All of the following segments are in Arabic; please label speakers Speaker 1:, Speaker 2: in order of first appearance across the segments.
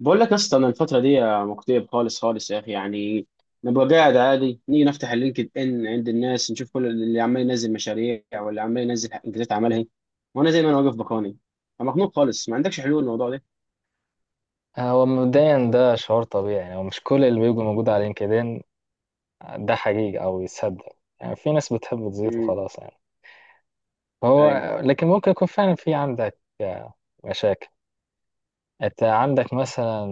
Speaker 1: بقول لك يا اسطى، انا الفتره دي مكتئب خالص خالص يا اخي، يعني نبقى قاعد عادي، نيجي نفتح اللينكد ان عند الناس، نشوف كل اللي عمال ينزل مشاريع واللي عمال ينزل انجازات عملها. وانا زي ما انا واقف بكوني. أنا مخنوق خالص، ما عندكش حلول للموضوع ده؟
Speaker 2: هو مبدئيا ده شعور طبيعي، يعني هو مش كل اللي بيبقى موجود على لينكدين ده حقيقي او يتصدق. يعني في ناس بتحب تزيط
Speaker 1: امم.
Speaker 2: وخلاص يعني. هو
Speaker 1: ايوه.
Speaker 2: لكن ممكن يكون فعلا في عندك مشاكل. انت عندك مثلا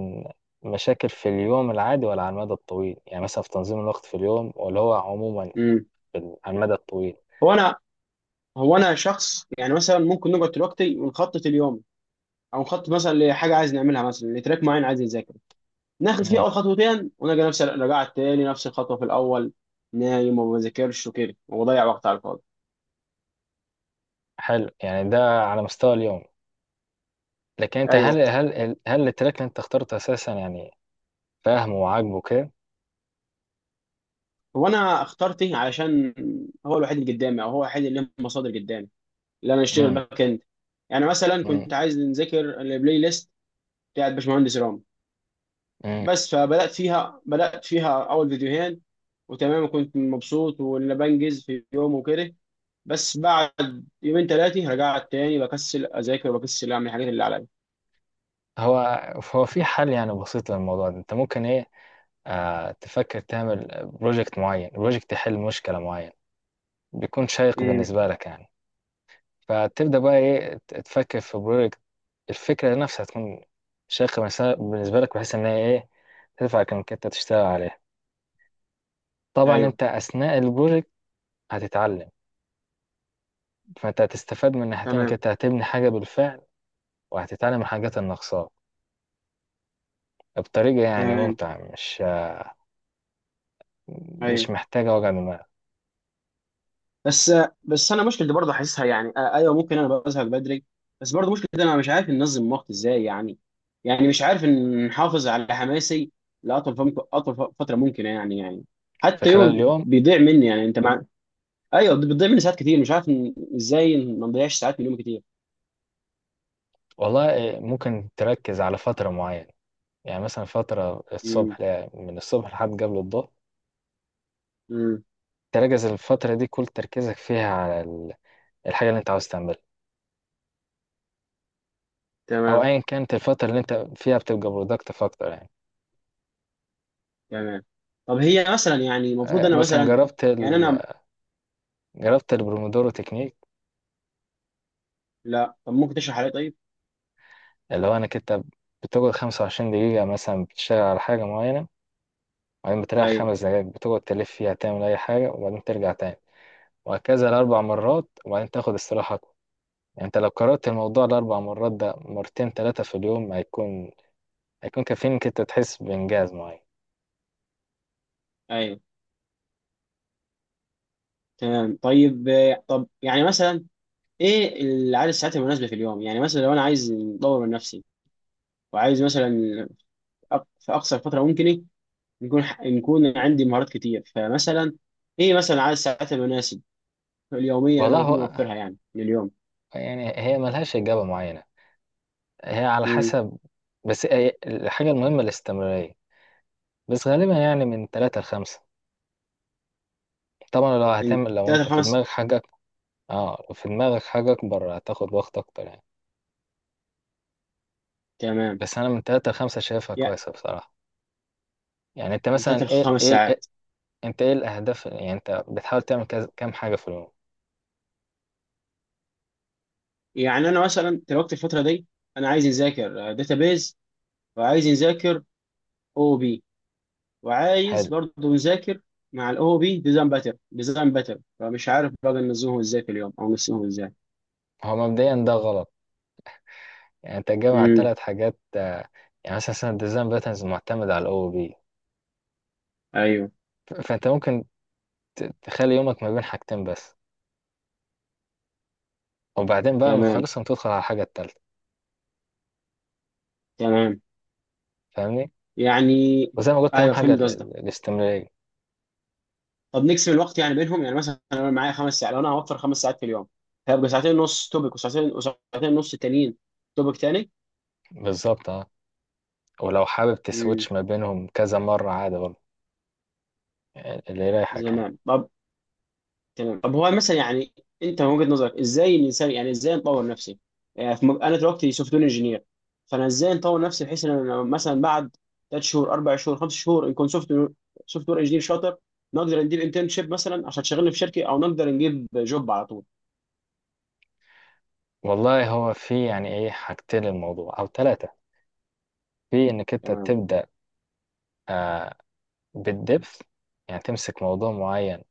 Speaker 2: مشاكل في اليوم العادي ولا على المدى الطويل؟ يعني مثلا في تنظيم الوقت في اليوم، ولا هو عموما
Speaker 1: امم.
Speaker 2: على المدى الطويل؟
Speaker 1: هو انا هو انا شخص، يعني مثلا ممكن نقعد دلوقتي ونخطط اليوم، او نخطط مثلا لحاجه عايز نعملها، مثلا لتراك معين عايز نذاكره. ناخد فيه
Speaker 2: امم
Speaker 1: اول خطوتين ونلقى نفس رجعت تاني نفس الخطوه في الاول نايم، وما بذاكرش وكده وبضيع وقت على الفاضي.
Speaker 2: حلو، يعني ده على مستوى اليوم. لكن انت هل
Speaker 1: ايوه.
Speaker 2: هل هل التراك اللي انت اخترته اساسا يعني فاهمه وعاجبه كده؟
Speaker 1: هو انا اخترت ايه؟ علشان هو الوحيد اللي قدامي، او هو الوحيد اللي له مصادر قدامي، اللي انا اشتغل
Speaker 2: امم
Speaker 1: باك اند. يعني مثلا كنت عايز نذاكر البلاي ليست بتاعت باشمهندس رام.
Speaker 2: امم
Speaker 1: بس فبدات فيها اول فيديوهين وتمام، وكنت مبسوط وانا بنجز في يوم وكده. بس بعد يومين ثلاثه رجعت تاني بكسل اذاكر وبكسل اعمل الحاجات اللي عليا.
Speaker 2: هو هو في حل يعني بسيط للموضوع ده. انت ممكن ايه، تفكر تعمل بروجكت معين، بروجكت يحل مشكلة معينة بيكون شيق
Speaker 1: امم.
Speaker 2: بالنسبة لك يعني. فتبدأ بقى ايه، تفكر في بروجكت الفكرة نفسها تكون شيقة بالنسبة لك، بحيث ان هي ايه تدفعك انك انت تشتغل عليها. طبعا
Speaker 1: ايوه.
Speaker 2: انت اثناء البروجكت هتتعلم، فانت هتستفاد من ناحيتين، انك
Speaker 1: تمام.
Speaker 2: انت هتبني حاجة بالفعل وهتتعلم الحاجات الناقصاك بطريقة يعني
Speaker 1: تمام.
Speaker 2: ممتعة، مش
Speaker 1: ايوه.
Speaker 2: محتاجة وجع دماغ.
Speaker 1: بس بس انا مشكلتي برضه حاسسها، يعني ايوه، ممكن انا بزهق بدري. بس برضه مشكلتي انا مش عارف انظم وقتي ازاي، يعني مش عارف ان نحافظ على حماسي لاطول فتره ممكنه، يعني
Speaker 2: في
Speaker 1: حتى
Speaker 2: خلال
Speaker 1: يوم
Speaker 2: اليوم،
Speaker 1: بيضيع مني، يعني انت مع. ايوه، بيضيع مني ساعات كتير، مش عارف ازاي ما نضيعش ساعات من يومي كتير.
Speaker 2: والله ممكن تركز على فترة معينة. يعني مثلا فترة
Speaker 1: امم.
Speaker 2: الصبح، من الصبح لحد قبل الظهر
Speaker 1: امم.
Speaker 2: تركز الفترة دي كل تركيزك فيها على الحاجة اللي انت عاوز تعملها، أو
Speaker 1: تمام.
Speaker 2: أيا كانت الفترة اللي انت فيها بتبقى برودكتيف أكتر يعني.
Speaker 1: تمام. طب هي مثلا، يعني المفروض انا
Speaker 2: مثلا
Speaker 1: مثلا
Speaker 2: جربت
Speaker 1: يعني انا...
Speaker 2: جربت البرومودورو تكنيك،
Speaker 1: لا، طب ممكن تشرح علي؟ طيب.
Speaker 2: اللي هو انك انت بتقعد 25 دقيقة مثلا بتشتغل على حاجة معينة، وبعدين بتريح
Speaker 1: ايوه.
Speaker 2: خمس دقايق بتقعد تلف فيها تعمل أي حاجة وبعدين ترجع تاني، وهكذا لأربع مرات وبعدين تاخد استراحة. يعني انت لو كررت الموضوع الاربع مرات ده مرتين ثلاثه في اليوم، هيكون هيكون كافيين انك انت تحس بانجاز معين.
Speaker 1: ايوه. تمام. طيب طب، يعني مثلا ايه العدد الساعات المناسبه في اليوم؟ يعني مثلا لو انا عايز اطور من نفسي، وعايز مثلا في اقصر فتره ممكن، إيه؟ نكون عندي مهارات كتير، فمثلا ايه مثلا عدد الساعات المناسب اليوميه اللي انا
Speaker 2: والله
Speaker 1: المفروض
Speaker 2: هو
Speaker 1: اوفرها يعني لليوم؟
Speaker 2: يعني هي ملهاش اجابه معينه، هي على
Speaker 1: امم.
Speaker 2: حسب. بس الحاجه المهمه الاستمراريه. بس غالبا يعني من ثلاثه لخمسه. طبعا لو
Speaker 1: من
Speaker 2: هتعمل، لو
Speaker 1: ثلاث
Speaker 2: انت في
Speaker 1: لخمس.
Speaker 2: دماغك حاجه اه لو في دماغك حاجه اكبر هتاخد وقت اكتر يعني.
Speaker 1: تمام.
Speaker 2: بس انا من ثلاثه لخمسه شايفها
Speaker 1: يا،
Speaker 2: كويسه بصراحه. يعني انت
Speaker 1: من
Speaker 2: مثلا
Speaker 1: ثلاث لخمس ساعات؟
Speaker 2: انت ايه الاهداف، يعني انت بتحاول تعمل كام حاجه في اليوم؟
Speaker 1: يعني انا مثلا دلوقتي الفتره دي انا عايز نذاكر داتابيز، وعايز نذاكر او بي، وعايز
Speaker 2: حلو.
Speaker 1: برضه يذاكر مع الاو بي ديزاين باتر فمش عارف بقى ننزلهم ازاي في اليوم او نسيهم ازاي.
Speaker 2: هو مبدئيا ده غلط، يعني انت جامع
Speaker 1: امم.
Speaker 2: ثلاث حاجات يعني مثلا الديزاين باترنز معتمد على الاو بي،
Speaker 1: ايوه.
Speaker 2: فانت ممكن تخلي يومك ما بين حاجتين بس، وبعدين بقى لما
Speaker 1: تمام.
Speaker 2: تخلصهم تدخل على الحاجة التالتة.
Speaker 1: تمام.
Speaker 2: فاهمني،
Speaker 1: يعني
Speaker 2: وزي ما قلت اهم
Speaker 1: ايوه،
Speaker 2: حاجة
Speaker 1: فهمت قصدك.
Speaker 2: الاستمرارية.
Speaker 1: طب نقسم الوقت يعني بينهم، يعني مثلا انا معايا خمس ساعات، لو انا هوفر خمس ساعات في اليوم، هيبقى ساعتين ونص توبك، وساعتين وساعتين ونص تانيين توبك تاني.
Speaker 2: بالظبط اه. ولو حابب
Speaker 1: امم.
Speaker 2: تسويتش ما بينهم كذا مرة عادي برضه، يعني اللي يريحك يعني.
Speaker 1: تمام. تمام. طب هو مثلا، يعني انت من وجهة نظرك ازاي الانسان، يعني ازاي نطور نفسي؟ يعني انا دلوقتي سوفت وير انجينير، فانا ازاي نطور نفسي بحيث ان انا مثلا بعد ثلاث شهور، اربع شهور، خمس شهور نكون سوفت وير انجينير شاطر، نقدر نجيب انترنشيب مثلا عشان تشغلني في شركه، او نقدر نجيب جوب على طول.
Speaker 2: والله هو في يعني ايه حاجتين للموضوع او ثلاثة. في انك انت
Speaker 1: تمام.
Speaker 2: تبدأ آه بالدبث، يعني تمسك موضوع معين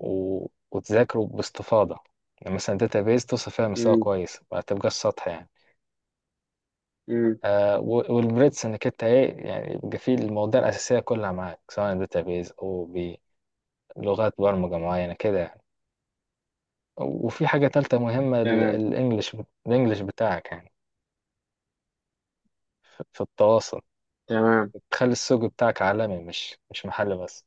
Speaker 2: وتذاكره باستفاضة، يعني مثلا بيز توصل فيها مستوى
Speaker 1: امم.
Speaker 2: كويس، ما تبقاش سطح يعني.
Speaker 1: امم.
Speaker 2: والبريدس انك انت ايه، يعني يبقى فيه المواضيع الأساسية كلها معاك سواء بيز أو بلغات برمجة معينة كده يعني. وفي حاجة تالتة مهمة،
Speaker 1: تمام.
Speaker 2: الإنجليش. الإنجليش بتاعك يعني في في التواصل،
Speaker 1: تمام.
Speaker 2: تخلي السوق بتاعك عالمي مش محلي بس.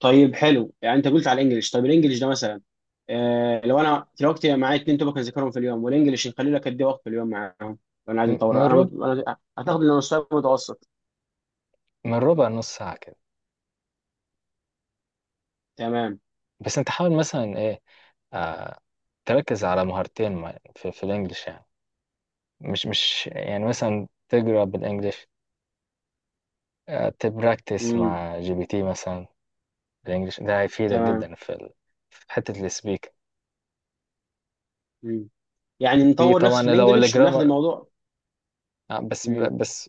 Speaker 1: طيب حلو، يعني انت قلت على الانجليش. طيب الانجليش ده مثلا، لو انا دلوقتي معايا اتنين توبك اذاكرهم في اليوم، والانجليش نخلي لك قد ايه وقت في اليوم معاهم؟ لو انا عايز
Speaker 2: م- من
Speaker 1: اطور
Speaker 2: ربع
Speaker 1: انا، انا هتاخد لنا مستوى متوسط.
Speaker 2: من ربع نص ساعة كده.
Speaker 1: تمام.
Speaker 2: بس انت حاول مثلا ايه آه تركز على مهارتين، في الإنجليش يعني. مش يعني مثلا تقرا بالانجلش، تبراكتس
Speaker 1: امم.
Speaker 2: مع جي بي تي مثلا بالانجلش، ده هيفيدك
Speaker 1: تمام.
Speaker 2: جدا في في حته السبيك.
Speaker 1: امم. يعني
Speaker 2: في
Speaker 1: نطور
Speaker 2: طبعا
Speaker 1: نفسي في
Speaker 2: لو
Speaker 1: الانجليش وناخد
Speaker 2: الجرامر،
Speaker 1: الموضوع.
Speaker 2: آه، بس
Speaker 1: امم.
Speaker 2: بس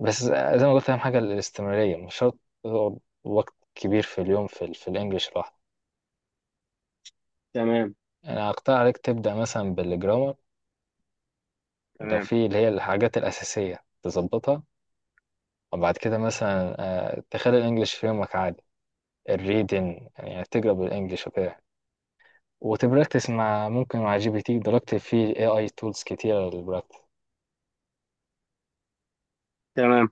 Speaker 2: بس زي ما قلت اهم حاجه الاستمراريه. مش شرط تقعد وقت كبير في اليوم في في الانجليش لوحده.
Speaker 1: تمام.
Speaker 2: انا اقترح عليك تبدا مثلا بالجرامر لو
Speaker 1: تمام.
Speaker 2: في اللي هي الحاجات الاساسيه تظبطها. وبعد كده مثلا تخلي الانجليش في يومك عادي، الريدن يعني تقرا بالانجليش وكده، وتبراكتس مع ممكن مع جي بي تي دلوقتي في اي اي تولز كتيرة للبراكتس.
Speaker 1: تمام.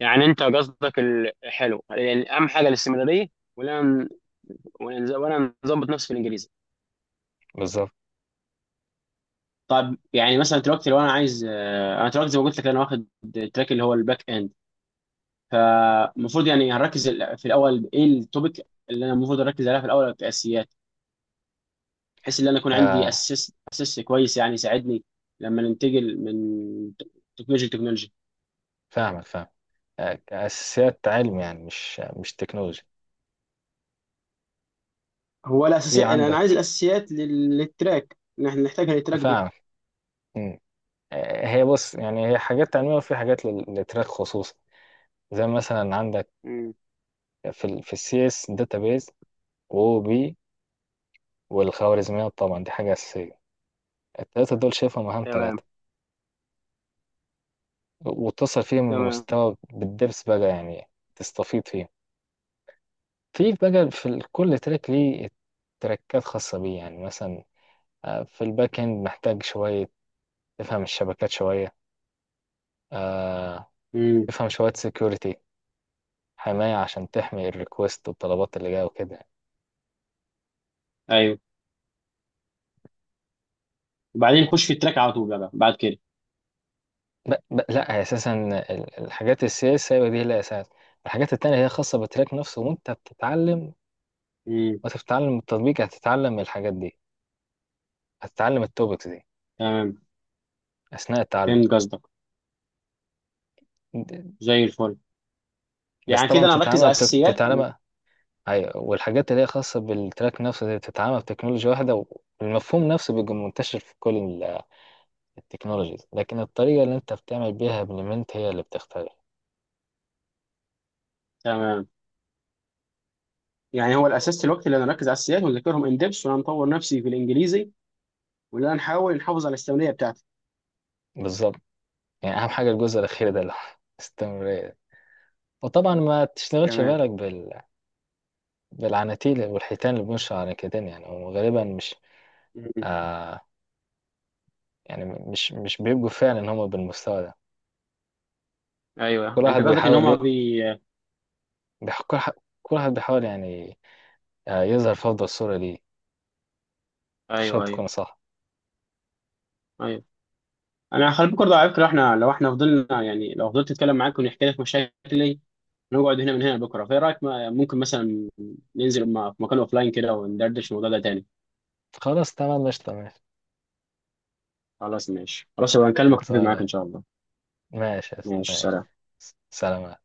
Speaker 1: يعني انت قصدك حلو، يعني اهم حاجه الاستمراريه؟ ولا ولا نظبط نفسي في الانجليزي؟
Speaker 2: بالظبط.
Speaker 1: طب يعني مثلا دلوقتي لو انا عايز، انا دلوقتي زي ما قلت لك انا واخد التراك اللي هو الباك اند، فالمفروض يعني هنركز في الاول، ايه التوبيك اللي انا المفروض اركز عليها في الاول كاساسيات، بحيث ان انا يكون عندي
Speaker 2: آه
Speaker 1: اساس اساس كويس يعني يساعدني لما ننتقل من تكنولوجيا لتكنولوجيا.
Speaker 2: فاهمك فاهم. أساسيات علم يعني مش تكنولوجي.
Speaker 1: هو
Speaker 2: في
Speaker 1: الاساسيات أنا عايز
Speaker 2: عندك،
Speaker 1: الاساسيات للتراك، إن احنا نحتاجها للتراك دي.
Speaker 2: فاهمك. مم. هي بص يعني هي حاجات علمية وفي حاجات للتراك خصوصا، زي مثلا عندك
Speaker 1: مم.
Speaker 2: في السي اس، داتابيز، واو بي، والخوارزميات. طبعا دي حاجة أساسية، التلاتة دول شايفهم أهم تلاتة،
Speaker 1: تمام.
Speaker 2: وتصل فيهم
Speaker 1: تمام.
Speaker 2: لمستوى بالدبس بقى يعني تستفيد فيه. في بقى في كل تراك ليه تراكات خاصة بيه، يعني مثلا في الباك اند محتاج شوية تفهم الشبكات شوية. آه،
Speaker 1: امم.
Speaker 2: تفهم شوية سيكوريتي، حماية عشان تحمي الريكوست والطلبات اللي جاية وكده.
Speaker 1: ايوه، وبعدين نخش في التراك على طول بقى بعد كده.
Speaker 2: لا، أساسا الحاجات السي اس هي دي هي أساس. الحاجات التانية هي خاصة بالتراك نفسه، وأنت بتتعلم،
Speaker 1: امم.
Speaker 2: وأنت بتتعلم التطبيق هتتعلم الحاجات دي، هتتعلم التوبكس دي
Speaker 1: تمام،
Speaker 2: أثناء التعلم.
Speaker 1: فهمت قصدك. زي الفل.
Speaker 2: بس
Speaker 1: يعني
Speaker 2: طبعا
Speaker 1: كده انا اركز
Speaker 2: بتتعلمها
Speaker 1: على الاساسيات. مم.
Speaker 2: بتتعلمها ايوه، والحاجات اللي هي خاصه بالتراك نفسه دي بتتعمل بتكنولوجيا واحده، والمفهوم نفسه بيبقى منتشر في كل التكنولوجيز، لكن الطريقه اللي انت بتعمل بيها امبلمنت هي اللي بتختلف.
Speaker 1: تمام. يعني هو الاساس دلوقتي اللي انا اركز على السياد واذاكرهم ان ديبس، ولا نطور نفسي في الانجليزي، ولا نحاول نحافظ على الاستمراريه بتاعتي؟
Speaker 2: بالظبط. يعني اهم حاجه الجزء الاخير ده اللي هو استمرارية. وطبعا ما تشتغلش
Speaker 1: تمام.
Speaker 2: بالك بالعناتيل والحيتان اللي بيمشوا على كتان يعني، وغالبا مش
Speaker 1: م-
Speaker 2: آه يعني مش بيبقوا فعلا ان هم بالمستوى ده.
Speaker 1: ايوه،
Speaker 2: كل
Speaker 1: انت
Speaker 2: واحد
Speaker 1: قصدك ان
Speaker 2: بيحاول
Speaker 1: هما
Speaker 2: ي...
Speaker 1: بي.
Speaker 2: بيح... كل ح- كل واحد بيحاول يعني يظهر في افضل صوره ليه. مش شرط
Speaker 1: ايوه. ايوه.
Speaker 2: تكون صح.
Speaker 1: ايوه، انا خلي بالك برضه على فكره، لو احنا فضلنا، يعني لو فضلت اتكلم معاك ونحكي لك مشاكلي نقعد هنا من هنا لبكره، فايه رايك؟ ممكن مثلا ننزل في مكان اوف لاين كده وندردش الموضوع ده تاني.
Speaker 2: خلاص تمام، مش تمام.
Speaker 1: خلاص ماشي، خلاص يبقى نكلمك، اتفق معاك
Speaker 2: خلصانة.
Speaker 1: ان شاء الله.
Speaker 2: ماشي يا أسطى،
Speaker 1: ماشي،
Speaker 2: ماشي.
Speaker 1: سلام.
Speaker 2: سلام.